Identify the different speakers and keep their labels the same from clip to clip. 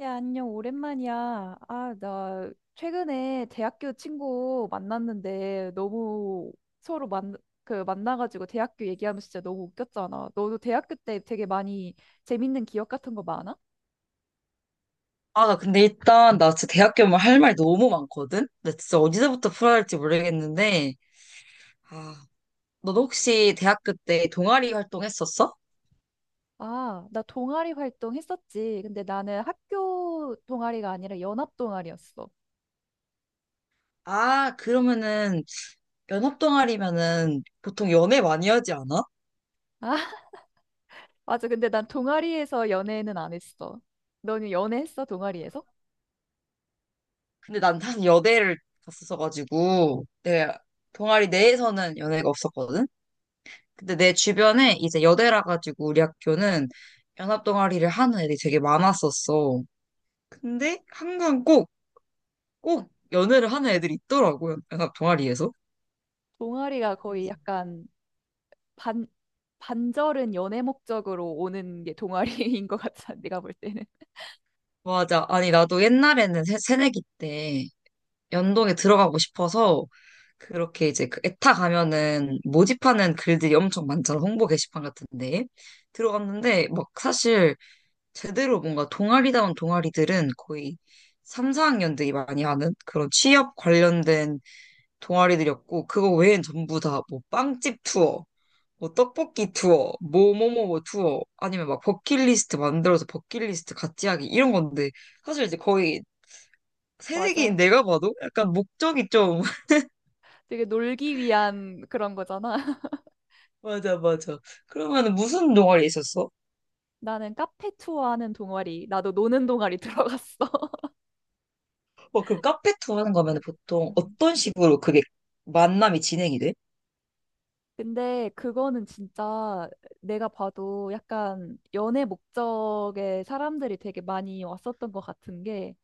Speaker 1: 야, 안녕, 오랜만이야. 아, 나 최근에 대학교 친구 만났는데 너무 서로 만, 그 만나가지고 대학교 얘기하면 진짜 너무 웃겼잖아. 너도 대학교 때 되게 많이 재밌는 기억 같은 거 많아?
Speaker 2: 아, 나 근데 일단, 나 진짜 대학교 면 할 말 너무 많거든? 나 진짜 어디서부터 풀어야 할지 모르겠는데, 아, 너 혹시 대학교 때 동아리 활동했었어?
Speaker 1: 아, 나 동아리 활동 했었지. 근데 나는 학교 동아리가 아니라 연합 동아리였어.
Speaker 2: 아, 그러면은, 연합 동아리면은 보통 연애 많이 하지 않아?
Speaker 1: 아, 맞아. 근데 난 동아리에서 연애는 안 했어. 너는 연애했어, 동아리에서?
Speaker 2: 근데 난 사실 여대를 갔었어가지고, 내 동아리 내에서는 연애가 없었거든? 근데 내 주변에 이제 여대라 가지고 우리 학교는 연합 동아리를 하는 애들이 되게 많았었어. 근데 항상 꼭 연애를 하는 애들이 있더라고요. 연합 동아리에서.
Speaker 1: 동아리가 거의
Speaker 2: 그래서
Speaker 1: 약간 반, 반절은 연애 목적으로 오는 게 동아리인 것 같아, 내가 볼 때는.
Speaker 2: 맞아. 아니, 나도 옛날에는 새내기 때 연동에 들어가고 싶어서 그렇게 이제 그 에타 가면은 모집하는 글들이 엄청 많잖아. 홍보 게시판 같은데. 들어갔는데 막 사실 제대로 뭔가 동아리다운 동아리들은 거의 3, 4학년들이 많이 하는 그런 취업 관련된 동아리들이었고 그거 외엔 전부 다 뭐 빵집 투어 뭐 떡볶이 투어, 뭐뭐뭐뭐 투어, 아니면 막 버킷리스트 만들어서 버킷리스트 같이 하기 이런 건데 사실 이제 거의 새내기인
Speaker 1: 맞아.
Speaker 2: 내가 봐도 약간 목적이 좀
Speaker 1: 되게 놀기 위한 그런 거잖아.
Speaker 2: 맞아 맞아. 그러면은 무슨 동아리 있었어?
Speaker 1: 나는 카페 투어하는 동아리, 나도 노는 동아리 들어갔어.
Speaker 2: 어 그럼 카페 투어 하는 거면 은 보통
Speaker 1: 음.
Speaker 2: 어떤 식으로 그게 만남이 진행이 돼?
Speaker 1: 근데 그거는 진짜 내가 봐도 약간 연애 목적의 사람들이 되게 많이 왔었던 것 같은 게,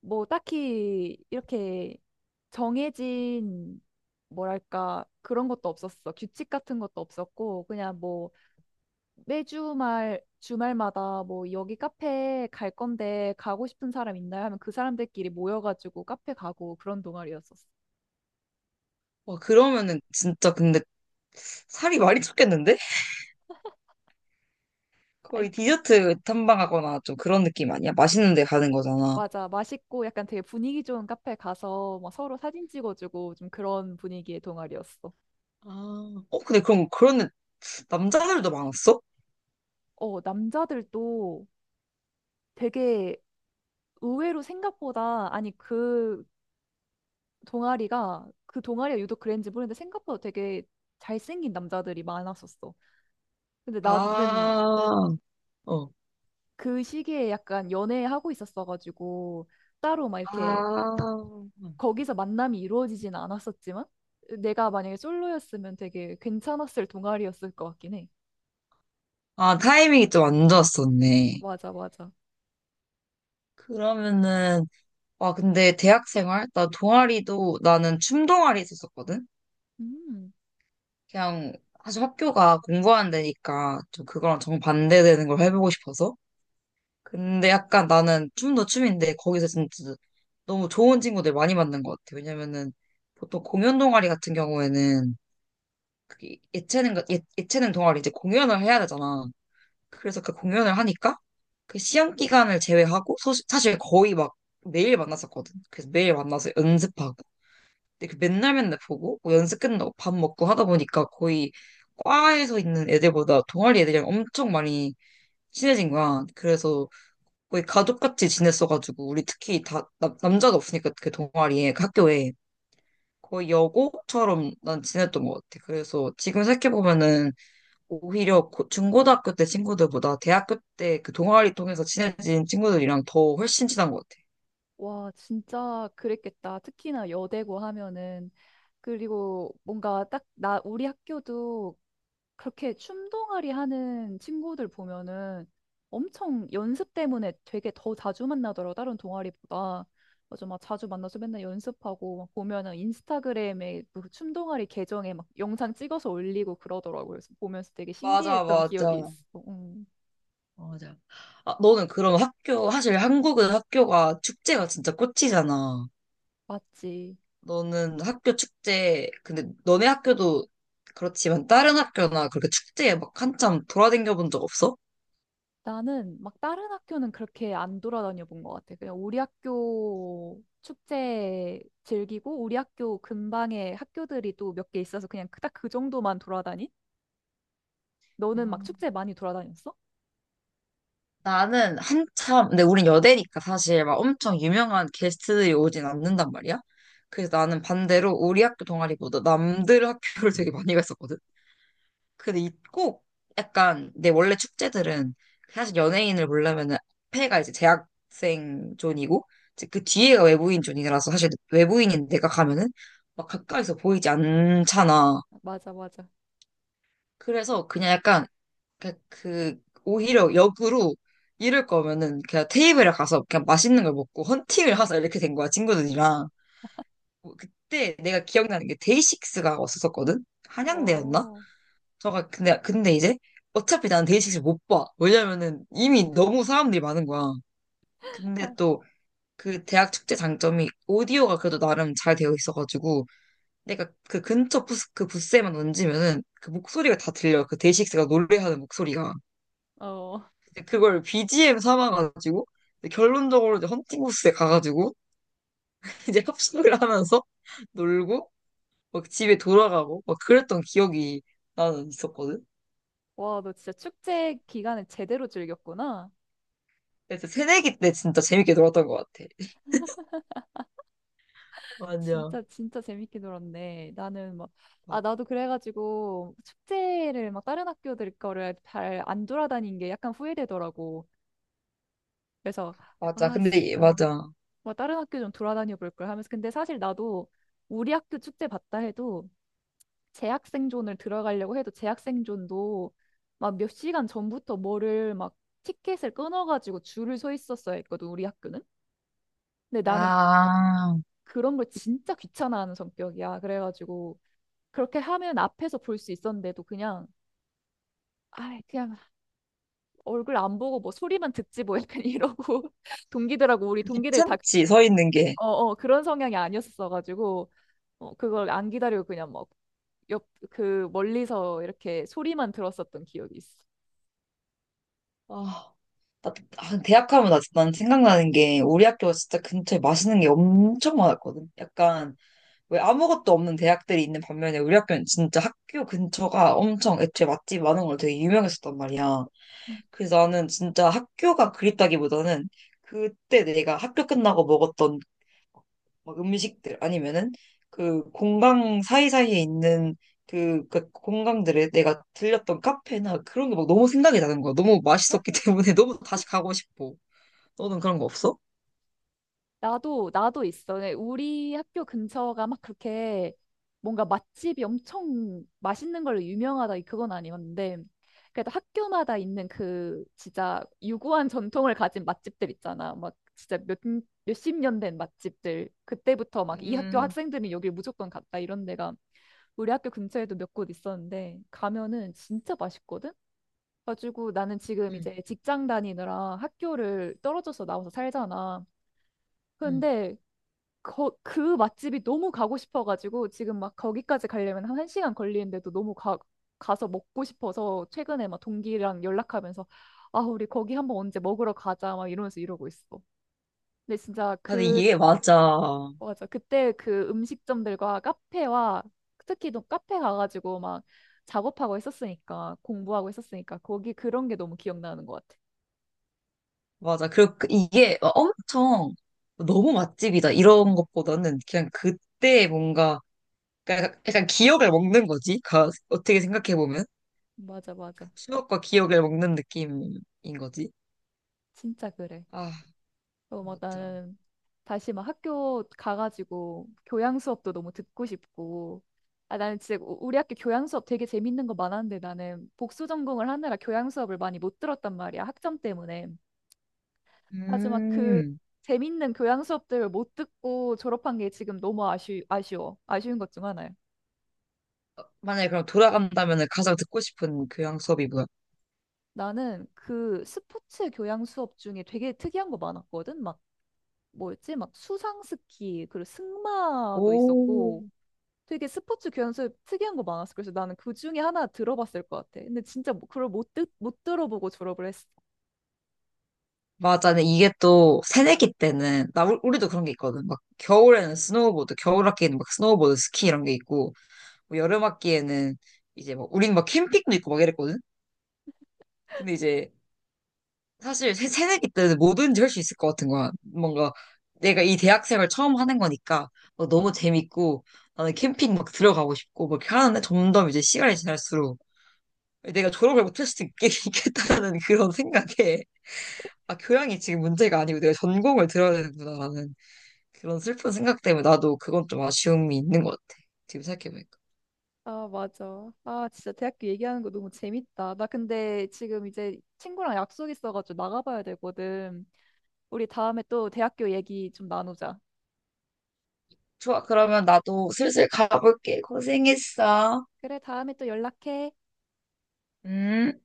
Speaker 1: 뭐 딱히 이렇게 정해진 뭐랄까 그런 것도 없었어. 규칙 같은 것도 없었고, 그냥 뭐 매주 말 주말마다 뭐 여기 카페 갈 건데 가고 싶은 사람 있나요? 하면 그 사람들끼리 모여가지고 카페 가고 그런 동아리였었어.
Speaker 2: 와 그러면은 진짜 근데 살이 많이 쪘겠는데?
Speaker 1: 아이,
Speaker 2: 거의 디저트 탐방하거나 좀 그런 느낌 아니야? 맛있는 데 가는 거잖아.
Speaker 1: 맞아. 맛있고 약간 되게 분위기 좋은 카페 가서 막 서로 사진 찍어주고 좀 그런 분위기의 동아리였어.
Speaker 2: 아, 어 근데 그럼 그런 남자들도 많았어?
Speaker 1: 어, 남자들도 되게 의외로 생각보다 아니 그 동아리가 그 동아리가 유독 그랬는지 모르겠는데 생각보다 되게 잘생긴 남자들이 많았었어. 근데 나는
Speaker 2: 아, 어.
Speaker 1: 그 시기에 약간 연애하고 있었어가지고 따로 막 이렇게
Speaker 2: 아,
Speaker 1: 거기서 만남이 이루어지진 않았었지만 내가 만약에 솔로였으면 되게 괜찮았을 동아리였을 것 같긴 해.
Speaker 2: 아, 타이밍이 좀 안 좋았었네.
Speaker 1: 맞아, 맞아.
Speaker 2: 그러면은, 와, 근데 대학 생활? 나 동아리도, 나는 춤 동아리 있었었거든?
Speaker 1: 음.
Speaker 2: 그냥, 사실 학교가 공부하는 데니까 좀 그거랑 정반대되는 걸 해보고 싶어서. 근데 약간 나는 춤도 춤인데 거기서 진짜 너무 좋은 친구들 많이 만난 것 같아. 왜냐면은 보통 공연 동아리 같은 경우에는 그게 예체능 동아리 이제 공연을 해야 되잖아. 그래서 그 공연을 하니까 그 시험 기간을 제외하고 사실 거의 막 매일 만났었거든. 그래서 매일 만나서 연습하고. 근데 그 맨날 맨날 보고 뭐 연습 끝나고 밥 먹고 하다 보니까 거의 과에서 있는 애들보다 동아리 애들이랑 엄청 많이 친해진 거야. 그래서 거의 가족같이 지냈어가지고 우리 특히 다 남자가 없으니까 그 동아리에 그 학교에 거의 여고처럼 난 지냈던 것 같아. 그래서 지금 생각해보면은 오히려 중고등학교 때 친구들보다 대학교 때 그 동아리 통해서 친해진 친구들이랑 더 훨씬 친한 것 같아.
Speaker 1: 와, 진짜 그랬겠다. 특히나 여대고 하면은 그리고 뭔가 딱 나 우리 학교도 그렇게 춤동아리 하는 친구들 보면은 엄청 연습 때문에 되게 더 자주 만나더라고, 다른 동아리보다. 맞아, 막 자주 만나서 맨날 연습하고, 막 보면은 인스타그램에 그 춤동아리 계정에 막 영상 찍어서 올리고 그러더라고요. 그래서 보면서 되게
Speaker 2: 맞아,
Speaker 1: 신기했던 기억이
Speaker 2: 맞아.
Speaker 1: 있어.
Speaker 2: 맞아. 아, 너는 그럼 학교, 사실 한국은 학교가 축제가 진짜 꽃이잖아.
Speaker 1: 맞지.
Speaker 2: 너는 학교 축제, 근데 너네 학교도 그렇지만 다른 학교나 그렇게 축제에 막 한참 돌아다녀 본 적 없어?
Speaker 1: 나는 막 다른 학교는 그렇게 안 돌아다녀 본 것 같아. 그냥 우리 학교 축제 즐기고, 우리 학교 근방에 학교들이 또 몇 개 있어서 그냥 그, 딱그 정도만 돌아다닌? 너는 막
Speaker 2: 아.
Speaker 1: 축제 많이 돌아다녔어?
Speaker 2: 나는 한참, 근데 우린 여대니까 사실 막 엄청 유명한 게스트들이 오진 않는단 말이야. 그래서 나는 반대로 우리 학교 동아리보다 남들 학교를 되게 많이 갔었거든. 근데 이 꼭 약간 내 원래 축제들은 사실 연예인을 보려면은 앞에가 이제 재학생 존이고 이제 그 뒤에가 외부인 존이라서 사실 외부인인 내가 가면은 막 가까이서 보이지 않잖아.
Speaker 1: 맞아, 맞아.
Speaker 2: 그래서 그냥 약간 그러니까 그 오히려 역으로 이럴 거면은 그냥 테이블에 가서 그냥 맛있는 걸 먹고 헌팅을 하자 이렇게 된 거야 친구들이랑. 뭐 그때 내가 기억나는 게 데이식스가 왔었거든. 한양대였나?
Speaker 1: 어,
Speaker 2: 저가 근데 이제 어차피 나는 데이식스 못봐. 왜냐면은 이미 너무 사람들이 많은 거야. 근데 또 그 대학 축제 장점이 오디오가 그래도 나름 잘 되어 있어가지고 내가 그 근처 부스 그 부스에만 얹으면은 그 목소리가 다 들려. 그 데이식스가 노래하는 목소리가.
Speaker 1: 어.
Speaker 2: 이제 그걸 BGM 삼아가지고 이제 결론적으로 이제 헌팅호스에 가가지고 이제 합숙을 하면서 놀고 막 집에 돌아가고 막 그랬던 기억이 나는 있었거든.
Speaker 1: 와, 너 진짜 축제 기간을 제대로 즐겼구나.
Speaker 2: 그래서 새내기 때 진짜 재밌게 놀았던 것 같아. 맞아.
Speaker 1: 진짜, 진짜 재밌게 놀았네. 나는 막, 아,
Speaker 2: 맞-
Speaker 1: 나도 그래가지고 축제를 막 다른 학교들 거를 잘 안 돌아다닌 게 약간 후회되더라고. 그래서
Speaker 2: 맞아.
Speaker 1: 아,
Speaker 2: 근데
Speaker 1: 씨,
Speaker 2: 이-
Speaker 1: 어,
Speaker 2: 맞아.
Speaker 1: 뭐 다른 학교 좀 돌아다녀 볼 걸 하면서 근데 사실 나도 우리 학교 축제 봤다 해도 재학생존을 들어가려고 해도 재학생존도 막 몇 시간 전부터 뭐를 막 티켓을 끊어가지고 줄을 서 있었어야 했거든 우리 학교는. 근데 나는 그,
Speaker 2: 아,
Speaker 1: 그런 걸 진짜 귀찮아하는 성격이야. 그래가지고 그렇게 하면 앞에서 볼 수 있었는데도 그냥 아 그냥 얼굴 안 보고 뭐 소리만 듣지 뭐 약간 이러고 동기들하고 우리
Speaker 2: 그
Speaker 1: 동기들 다
Speaker 2: 귀찮지 서 있는 게.
Speaker 1: 어, 어, 그런 성향이 아니었어가지고 어, 그걸 안 기다리고 그냥 막 옆, 그 멀리서 이렇게 소리만 들었었던 기억이 있어.
Speaker 2: 아, 나, 아, 대학 하면 난 생각나는 게 우리 학교가 진짜 근처에 맛있는 게 엄청 많았거든. 약간 왜 아무것도 없는 대학들이 있는 반면에 우리 학교는 진짜 학교 근처가 엄청 애초에 맛집 많은 걸로 되게 유명했었단 말이야.
Speaker 1: 음.
Speaker 2: 그래서 나는 진짜 학교가 그립다기보다는 그때 내가 학교 끝나고 먹었던 막 음식들 아니면은 그 공강 사이사이에 있는 그 공강들에 내가 들렸던 카페나 그런 게 막 너무 생각이 나는 거야. 너무 맛있었기 때문에 너무 다시 가고 싶어. 너는 그런 거 없어?
Speaker 1: 나도, 나도 있어. 근데 우리 학교 근처가 막 그렇게 뭔가 맛집이 엄청 맛있는 걸로 유명하다, 그건 아니었는데, 그래도 학교마다 있는 그 진짜 유구한 전통을 가진 맛집들 있잖아. 막 진짜 몇, 몇십 년 된 맛집들. 그때부터 막 이 학교
Speaker 2: 음,
Speaker 1: 학생들은 여길 무조건 갔다 이런 데가 우리 학교 근처에도 몇 곳 있었는데, 가면은 진짜 맛있거든? 가지고 나는 지금
Speaker 2: 음,
Speaker 1: 이제 직장 다니느라 학교를 떨어져서 나와서 살잖아.
Speaker 2: 음.
Speaker 1: 근데 그 맛집이 너무 가고 싶어가지고 지금 막 거기까지 가려면 한 1시간 걸리는데도 너무 가서 먹고 싶어서 최근에 막 동기랑 연락하면서 아, 우리 거기 한번 언제 먹으러 가자 막 이러면서 이러고 있어. 근데 진짜
Speaker 2: 근데
Speaker 1: 그,
Speaker 2: 이게 맞아.
Speaker 1: 맞아. 그때 그 음식점들과 카페와 특히 또 카페 가가지고 막 작업하고 했었으니까 공부하고 했었으니까 거기 그런 게 너무 기억나는 것 같아.
Speaker 2: 맞아. 그리고 이게 막 엄청 너무 맛집이다 이런 것보다는 그냥 그때 뭔가 약간 기억을 먹는 거지. 어떻게 생각해 보면
Speaker 1: 맞아,
Speaker 2: 그
Speaker 1: 맞아.
Speaker 2: 추억과 기억을 먹는 느낌인 거지.
Speaker 1: 진짜 그래.
Speaker 2: 아,
Speaker 1: 어, 막
Speaker 2: 맞아.
Speaker 1: 나는 다시 막 학교 가가지고 교양 수업도 너무 듣고 싶고. 아, 나는 진짜 우리 학교 교양 수업 되게 재밌는 거 많았는데 나는 복수 전공을 하느라 교양 수업을 많이 못 들었단 말이야. 학점 때문에. 아주 막 그
Speaker 2: 음.
Speaker 1: 재밌는 교양 수업들을 못 듣고 졸업한 게 지금 너무 아쉬워. 아쉬운 것 중 하나야.
Speaker 2: 만약에 그럼 돌아간다면 가장 듣고 싶은 교양 수업이 뭐야?
Speaker 1: 나는 그 스포츠 교양 수업 중에 되게 특이한 거 많았거든. 막 뭐였지? 막 수상 스키, 그리고 승마도
Speaker 2: 오,
Speaker 1: 있었고. 되게 스포츠 교환수업 특이한 거 많았어. 그래서 나는 그 중에 하나 들어봤을 것 같아. 근데 진짜 뭐- 그걸 못, 듣, 못 들어보고 졸업을 했어.
Speaker 2: 맞아. 근데 이게 또 새내기 때는 나 우리도 그런 게 있거든. 막 겨울에는 스노우보드, 겨울 학기에는 막 스노우보드, 스키 이런 게 있고 뭐 여름 학기에는 이제 뭐 우린 막 캠핑도 있고 막 이랬거든. 근데 이제 사실 새내기 때는 뭐든지 할 수 있을 것 같은 거야. 뭔가 내가 이 대학생활 처음 하는 거니까 뭐 너무 재밌고 나는 캠핑 막 들어가고 싶고 막 이렇게 하는데 점점 이제 시간이 지날수록 내가 졸업을 못할 수도 있겠다라는 그런 생각에 아 교양이 지금 문제가 아니고 내가 전공을 들어야 되는구나라는 그런 슬픈 생각 때문에 나도 그건 좀 아쉬움이 있는 것 같아. 지금 생각해보니까.
Speaker 1: 아, 맞아. 아, 진짜 대학교 얘기하는 거 너무 재밌다. 나 근데 지금 이제 친구랑 약속 있어가지고 나가봐야 되거든. 우리 다음에 또 대학교 얘기 좀 나누자.
Speaker 2: 좋아, 그러면 나도 슬슬 가볼게. 고생했어.
Speaker 1: 그래, 다음에 또 연락해.
Speaker 2: 음.